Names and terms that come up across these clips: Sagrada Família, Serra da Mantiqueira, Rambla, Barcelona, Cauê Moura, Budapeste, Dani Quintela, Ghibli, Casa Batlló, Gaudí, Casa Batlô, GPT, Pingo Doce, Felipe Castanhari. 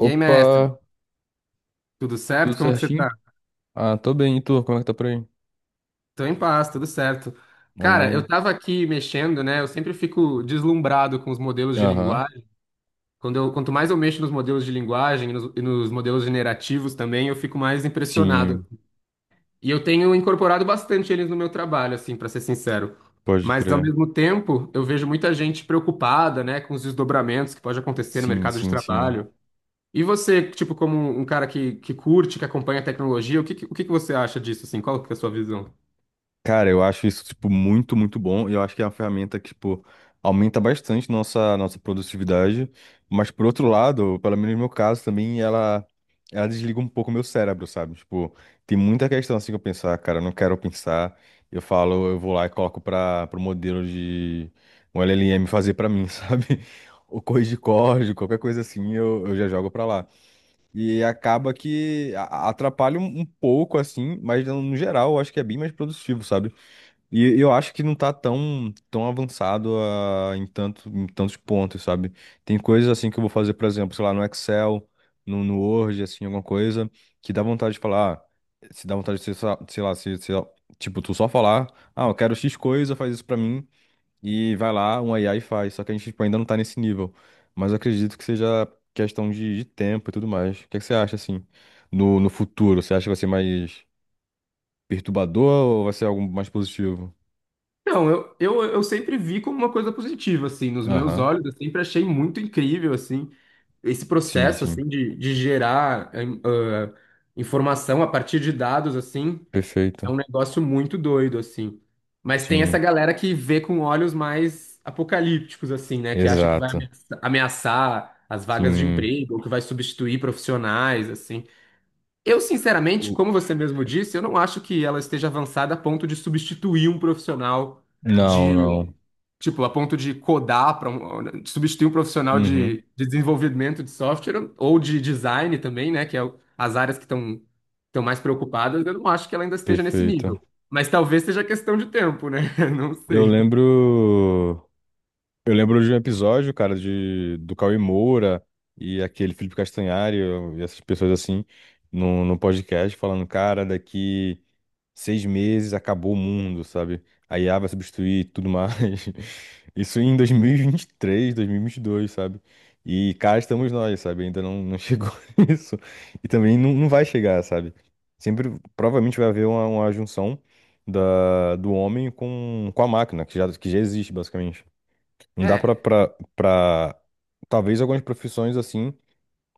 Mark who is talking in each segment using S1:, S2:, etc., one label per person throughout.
S1: E aí,
S2: Opa,
S1: mestre, tudo
S2: tudo
S1: certo? Como que você
S2: certinho?
S1: tá?
S2: Ah, tô bem, e tu? Como é que tá por aí?
S1: Tô em paz, tudo certo. Cara, eu
S2: Amém.
S1: tava aqui mexendo, né? Eu sempre fico deslumbrado com os modelos de
S2: Aham.
S1: linguagem. Quanto mais eu mexo nos modelos de linguagem e nos modelos generativos também, eu fico mais impressionado.
S2: Sim,
S1: E eu tenho incorporado bastante eles no meu trabalho, assim, pra ser sincero.
S2: pode
S1: Mas ao
S2: crer.
S1: mesmo tempo, eu vejo muita gente preocupada, né, com os desdobramentos que pode acontecer no
S2: Sim,
S1: mercado de
S2: sim, sim.
S1: trabalho. E você, tipo, como um cara que curte, que acompanha a tecnologia, o que que você acha disso, assim? Qual que é a sua visão?
S2: Cara, eu acho isso, tipo, muito, muito bom. E eu acho que é uma ferramenta que, tipo, aumenta bastante nossa produtividade. Mas, por outro lado, pelo menos no meu caso também, ela desliga um pouco o meu cérebro, sabe? Tipo, tem muita questão assim que eu pensar, cara, eu não quero pensar. Eu falo, eu vou lá e coloco para pro modelo de um LLM fazer pra mim, sabe? Ou corrigir código, qualquer coisa assim, eu já jogo pra lá. E acaba que atrapalha um pouco, assim, mas no geral eu acho que é bem mais produtivo, sabe? E eu acho que não tá tão, tão avançado em tantos pontos, sabe? Tem coisas assim que eu vou fazer, por exemplo, sei lá, no Excel, no Word, assim, alguma coisa, que dá vontade de falar, ah, se dá vontade de, sei lá, tipo, tu só falar, ah, eu quero X coisa, faz isso pra mim, e vai lá, um AI faz. Só que a gente, tipo, ainda não tá nesse nível. Mas eu acredito que seja questão de tempo e tudo mais. O que é que você acha, assim, no futuro? Você acha que vai ser mais perturbador ou vai ser algo mais positivo?
S1: Não, eu sempre vi como uma coisa positiva, assim, nos meus
S2: Aham.
S1: olhos, eu sempre achei muito incrível, assim, esse
S2: Sim,
S1: processo,
S2: sim.
S1: assim, de gerar informação a partir de dados, assim, é um
S2: Perfeito.
S1: negócio muito doido, assim. Mas tem essa
S2: Sim,
S1: galera que vê com olhos mais apocalípticos, assim, né, que acha que vai
S2: exato.
S1: ameaçar as vagas de
S2: Sim.
S1: emprego, ou que vai substituir profissionais, assim. Eu, sinceramente,
S2: O-
S1: como você mesmo disse, eu não acho que ela esteja avançada a ponto de substituir um profissional
S2: Não,
S1: de,
S2: não.
S1: tipo, a ponto de codar para um, de substituir um profissional
S2: Uhum,
S1: de desenvolvimento de software ou de design também, né, que é as áreas que estão mais preocupadas. Eu não acho que ela ainda esteja nesse
S2: perfeito.
S1: nível, mas talvez seja questão de tempo, né? Não
S2: Eu
S1: sei.
S2: lembro. Eu lembro de um episódio, cara, de do Cauê Moura e aquele Felipe Castanhari e essas pessoas assim no podcast falando, cara, daqui, 6 meses, acabou o mundo, sabe? A IA vai substituir tudo mais. Isso em 2023, 2022, sabe? E cá estamos nós, sabe? Ainda não chegou isso. E também não vai chegar, sabe? Sempre, provavelmente vai haver uma junção do homem com a máquina, que já existe, basicamente. Não dá pra,
S1: É,
S2: pra, pra... Talvez algumas profissões, assim,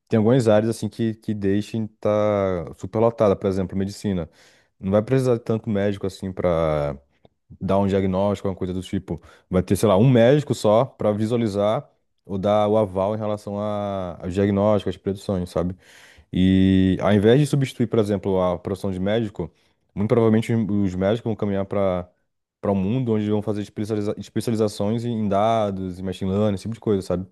S2: tem algumas áreas assim que deixem estar superlotada, por exemplo, medicina. Não vai precisar de tanto médico assim para dar um diagnóstico, alguma coisa do tipo. Vai ter, sei lá, um médico só para visualizar ou dar o aval em relação ao diagnóstico, às produções, sabe? E ao invés de substituir, por exemplo, a profissão de médico, muito provavelmente os médicos vão caminhar para um mundo onde vão fazer especializações em dados, em machine learning, esse tipo de coisa, sabe?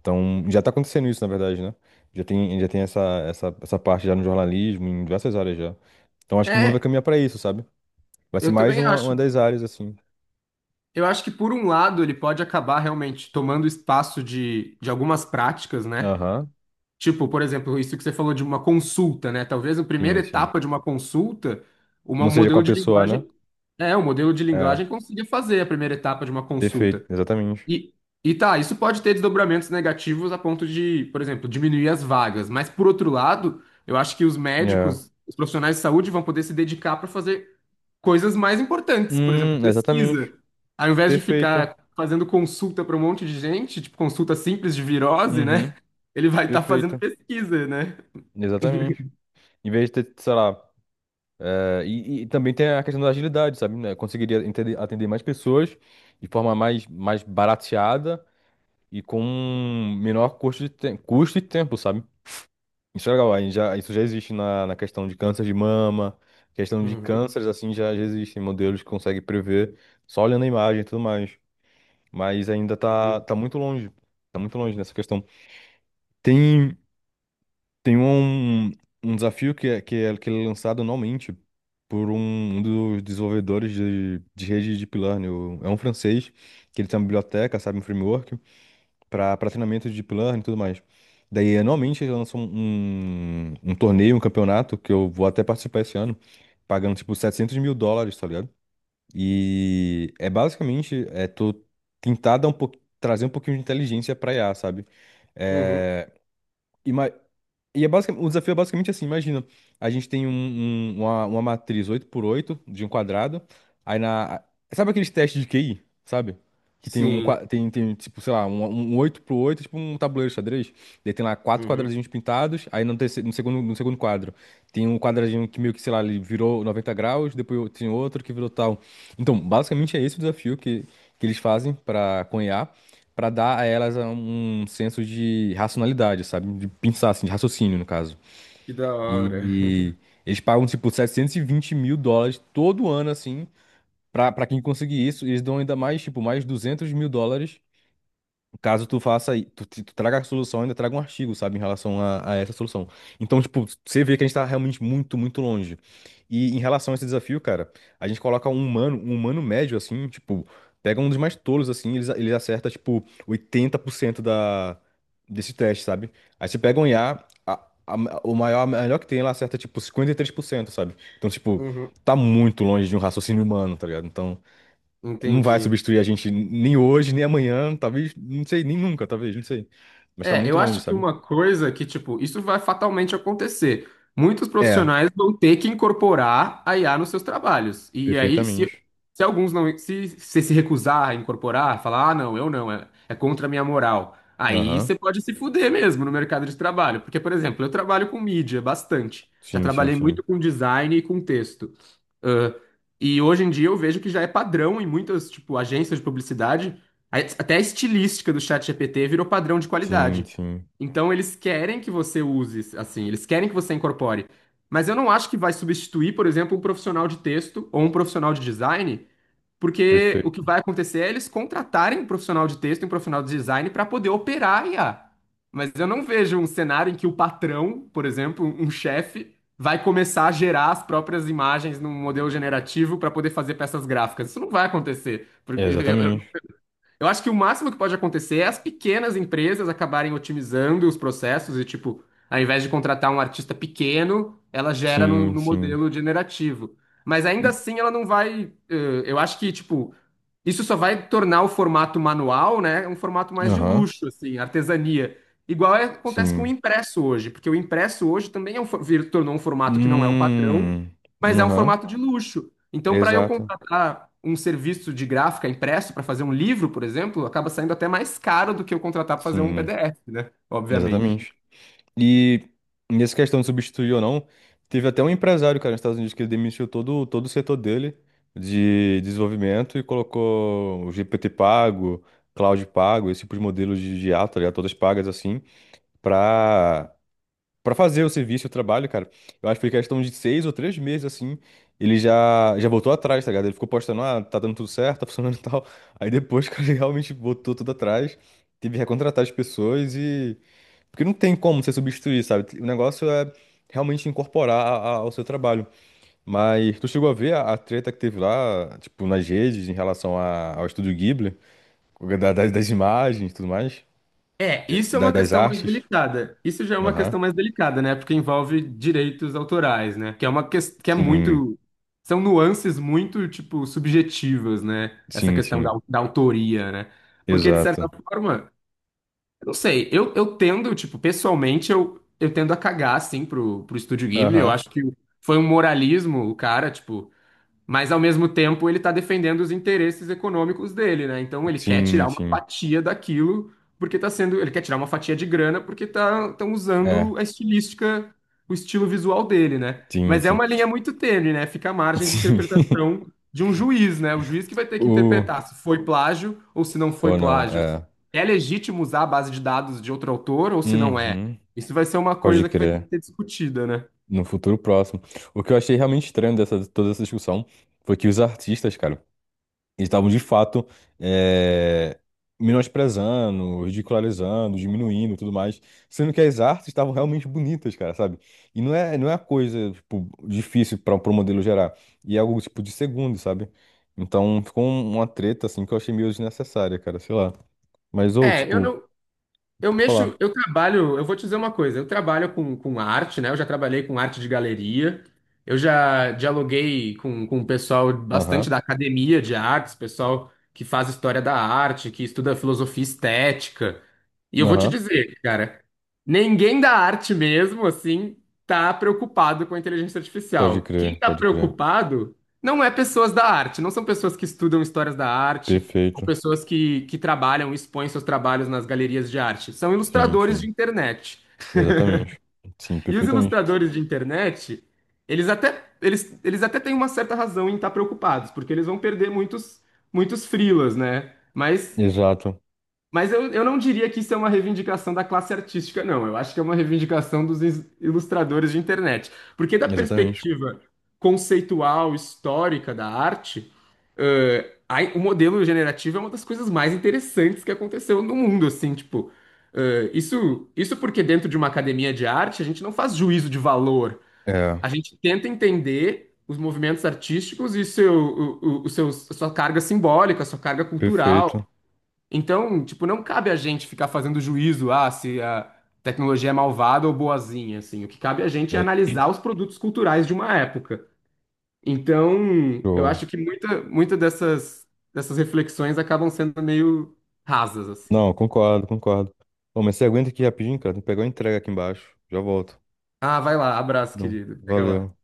S2: Então, já está acontecendo isso, na verdade, né? Já tem essa, essa parte já no jornalismo, em diversas áreas já. Então, acho que o mundo vai
S1: é,
S2: caminhar para isso, sabe? Vai ser
S1: eu
S2: mais
S1: também
S2: uma,
S1: acho.
S2: uma das áreas, assim.
S1: Eu acho que por um lado ele pode acabar realmente tomando espaço de algumas práticas, né?
S2: Aham.
S1: Tipo, por exemplo, isso que você falou de uma consulta, né? Talvez a primeira
S2: Sim, sim.
S1: etapa de uma consulta, uma-
S2: Não
S1: um
S2: seja com
S1: modelo
S2: a
S1: de
S2: pessoa, né?
S1: linguagem. É, um modelo de
S2: É,
S1: linguagem consiga fazer a primeira etapa de uma
S2: perfeito,
S1: consulta.
S2: exatamente.
S1: E, e tá, isso pode ter desdobramentos negativos a ponto de, por exemplo, diminuir as vagas. Mas, por outro lado, eu acho que os
S2: É.
S1: médicos, os profissionais de saúde vão poder se dedicar para fazer coisas mais importantes, por exemplo,
S2: Exatamente.
S1: pesquisa. Ao invés de
S2: Perfeito.
S1: ficar fazendo consulta para um monte de gente, tipo consulta simples de virose, né?
S2: Uhum,
S1: Ele vai estar fazendo
S2: perfeito.
S1: pesquisa, né?
S2: Exatamente. Em vez de ter, sei lá. E também tem a questão da agilidade, sabe? Né? Conseguiria atender mais pessoas de forma mais barateada e com um menor custo de custo e tempo, sabe? Isso é legal, aí já, isso já existe na questão de câncer de mama, questão de
S1: Uhum,
S2: cânceres, assim, já existem modelos que conseguem prever só olhando a imagem e tudo mais. Mas ainda tá,
S1: uhum,
S2: tá muito longe, tá muito longe nessa questão. Tem, tem um desafio que ele é lançado anualmente por um dos desenvolvedores de rede de Deep Learning, é um francês, que ele tem uma biblioteca, sabe, um framework, para treinamento de deep learning e tudo mais. Daí, anualmente, eles lançam um torneio, um campeonato, que eu vou até participar esse ano, pagando tipo 700 mil dólares, tá ligado? E é basicamente, tô tentar dar um pouco, trazer um pouquinho de inteligência pra IA, sabe?
S1: uhum.
S2: É, e é o desafio é basicamente assim, imagina, a gente tem uma matriz 8x8 de um quadrado, aí na... Sabe aqueles testes de QI, sabe? Que tem
S1: Sim.
S2: tipo, sei lá, um 8x8, tipo um tabuleiro de xadrez, daí tem lá quatro
S1: Uhum.
S2: quadradinhos pintados, aí no, terceiro, no segundo quadro tem um quadradinho que meio que, sei lá, ele virou 90°, depois tem outro que virou tal. Então, basicamente é esse o desafio que eles fazem para Pra dar a elas um senso de racionalidade, sabe? De pensar, assim, de raciocínio, no caso.
S1: Que da hora.
S2: E eles pagam, tipo, 720 mil dólares todo ano, assim, pra quem conseguir isso. E eles dão ainda mais, tipo, mais 200 mil dólares, caso tu faça, tu traga a solução, ainda traga um artigo, sabe, em relação a essa solução. Então, tipo, você vê que a gente tá realmente muito, muito longe. E em relação a esse desafio, cara, a gente coloca um humano médio, assim, tipo, pega um dos mais tolos, assim, eles acerta, tipo, 80% desse teste, sabe? Aí você pega um IA, a- o maior, a melhor que tem, ela acerta, tipo, 53%, sabe? Então, tipo,
S1: Uhum.
S2: tá muito longe de um raciocínio humano, tá ligado? Então. Não vai
S1: Entendi.
S2: substituir a gente nem hoje, nem amanhã, talvez, não sei, nem nunca, talvez, não sei. Mas tá
S1: É,
S2: muito
S1: eu
S2: longe,
S1: acho que
S2: sabe?
S1: uma coisa que, tipo, isso vai fatalmente acontecer. Muitos
S2: É,
S1: profissionais vão ter que incorporar a IA nos seus trabalhos. E aí,
S2: perfeitamente.
S1: se alguns não, se você se recusar a incorporar, falar, ah, não, eu não, é contra a minha moral. Aí
S2: Aham.
S1: você pode se fuder mesmo no mercado de trabalho. Porque, por exemplo, eu trabalho com mídia bastante. Já
S2: Sim, sim,
S1: trabalhei muito
S2: sim.
S1: com design e com texto. Ãh, e hoje em dia eu vejo que já é padrão em muitas, tipo, agências de publicidade até a estilística do ChatGPT virou padrão de
S2: Sim,
S1: qualidade.
S2: sim.
S1: Então eles querem que você use, assim, eles querem que você incorpore. Mas eu não acho que vai substituir, por exemplo, um profissional de texto ou um profissional de design, porque o que
S2: Perfeito.
S1: vai acontecer é eles contratarem um profissional de texto e um profissional de design para poder operar a IA. Mas eu não vejo um cenário em que o patrão, por exemplo, um chefe, vai começar a gerar as próprias imagens num modelo generativo para poder fazer peças gráficas. Isso não vai acontecer.
S2: É,
S1: Porque eu, eu
S2: exatamente.
S1: eu acho que o máximo que pode acontecer é as pequenas empresas acabarem otimizando os processos e, tipo, ao invés de contratar um artista pequeno, ela gera
S2: Sim,
S1: no
S2: sim.
S1: modelo generativo. Mas ainda
S2: E-
S1: assim ela não vai. Eu acho que, tipo, isso só vai tornar o formato manual, né, um formato mais de
S2: Aham.
S1: luxo, assim, artesania. Acontece com o
S2: Sim.
S1: impresso hoje, porque o impresso hoje também é um, tornou um formato que não é o padrão,
S2: Hum.
S1: mas é um
S2: Aham.
S1: formato de luxo. Então, para eu
S2: Exato.
S1: contratar um serviço de gráfica impresso para fazer um livro, por exemplo, acaba saindo até mais caro do que eu contratar para fazer um
S2: Sim.
S1: PDF, né? Obviamente.
S2: Exatamente. E nessa questão de substituir ou não, teve até um empresário, cara, nos Estados Unidos que ele demitiu todo o setor dele de desenvolvimento e colocou o GPT pago, Cloud pago, esse tipo de modelo de IA, tá ligado? Todas pagas assim, pra, pra fazer o serviço, o trabalho, cara. Eu acho que foi questão de 6 ou 3 meses, assim, ele já voltou atrás, tá ligado? Ele ficou postando, ah, tá dando tudo certo, tá funcionando e tal. Aí depois, cara, ele realmente botou tudo atrás, teve que recontratar as pessoas porque não tem como você substituir, sabe? O negócio é realmente incorporar ao seu trabalho. Mas tu chegou a ver a treta que teve lá, tipo, nas redes em relação ao estúdio Ghibli, das imagens e tudo mais.
S1: É,
S2: É,
S1: isso é uma
S2: das
S1: questão mais
S2: artes.
S1: delicada. Isso já é uma
S2: Aham.
S1: questão mais delicada, né? Porque envolve direitos autorais, né? Que é uma questão que é
S2: Sim,
S1: muito. São nuances muito, tipo, subjetivas, né? Essa
S2: sim,
S1: questão
S2: sim.
S1: da autoria, né? Porque, de certa
S2: Exato.
S1: forma, não sei, eu tendo, tipo, pessoalmente, eu tendo a cagar, assim, pro Estúdio Ghibli. Eu
S2: Aham.
S1: acho que foi um moralismo, o cara, tipo, mas ao mesmo tempo ele está defendendo os interesses econômicos dele, né? Então ele quer
S2: Sim,
S1: tirar uma
S2: sim.
S1: fatia daquilo porque tá sendo, ele quer tirar uma fatia de grana porque tá estão
S2: É,
S1: usando a estilística, o estilo visual dele, né?
S2: sim,
S1: Mas é
S2: sim.
S1: uma linha muito tênue, né? Fica à margem de
S2: Sim.
S1: interpretação de um juiz, né? O juiz que vai ter que
S2: O...
S1: interpretar se foi plágio ou se não foi
S2: Ou não,
S1: plágio.
S2: é.
S1: É legítimo usar a base de dados de outro autor ou se não é?
S2: Uhum.
S1: Isso vai ser uma
S2: Pode
S1: coisa que vai ter que
S2: crer.
S1: ser discutida, né?
S2: No futuro próximo. O que eu achei realmente estranho dessa toda essa discussão foi que os artistas, cara, eles estavam de fato, é, menosprezando, ridicularizando, diminuindo e tudo mais, sendo que as artes estavam realmente bonitas, cara, sabe? E não é uma coisa, tipo, difícil para o modelo gerar. E é algo, tipo, de segundo, sabe? Então ficou uma treta, assim, que eu achei meio desnecessária, cara, sei lá. Mas, ou,
S1: É, eu
S2: tipo,
S1: não, Eu
S2: pra
S1: mexo,
S2: falar.
S1: eu trabalho, eu vou te dizer uma coisa, eu trabalho com arte, né? Eu já trabalhei com arte de galeria, eu já dialoguei com o pessoal bastante
S2: Aham,
S1: da academia de artes, pessoal que faz história da arte, que estuda filosofia estética. E eu vou te
S2: aham,
S1: dizer, cara, ninguém da arte mesmo, assim, tá preocupado com a inteligência
S2: pode
S1: artificial. Quem
S2: crer,
S1: tá
S2: pode crer.
S1: preocupado não é pessoas da arte, não são pessoas que estudam histórias da arte, ou
S2: Perfeito.
S1: pessoas que trabalham, expõem seus trabalhos nas galerias de arte. São
S2: Sim,
S1: ilustradores de
S2: sim.
S1: internet.
S2: Exatamente. Sim,
S1: E os
S2: perfeitamente.
S1: ilustradores de internet, eles até têm uma certa razão em estar preocupados, porque eles vão perder muitos, muitos freelas, né? Mas
S2: Exato,
S1: mas eu não diria que isso é uma reivindicação da classe artística, não. Eu acho que é uma reivindicação dos ilustradores de internet. Porque da
S2: exatamente.
S1: perspectiva conceitual, histórica da arte, o modelo generativo é uma das coisas mais interessantes que aconteceu no mundo, assim, tipo... isso, isso porque dentro de uma academia de arte, a gente não faz juízo de valor.
S2: É,
S1: A gente tenta entender os movimentos artísticos e seu, o seus- a sua carga simbólica, a sua carga
S2: perfeito.
S1: cultural, então, tipo, não cabe a gente ficar fazendo juízo, ah, se a tecnologia é malvada ou boazinha, assim. O que cabe a gente é
S2: É,
S1: analisar os produtos culturais de uma época. Então, eu
S2: show.
S1: acho que muita dessas, dessas reflexões acabam sendo meio rasas, assim.
S2: Não, concordo, concordo. Ô, mas você aguenta aqui rapidinho, cara? Tem que pegar uma entrega aqui embaixo. Já volto.
S1: Ah, vai lá, abraço,
S2: Não,
S1: querido. Pega lá.
S2: valeu.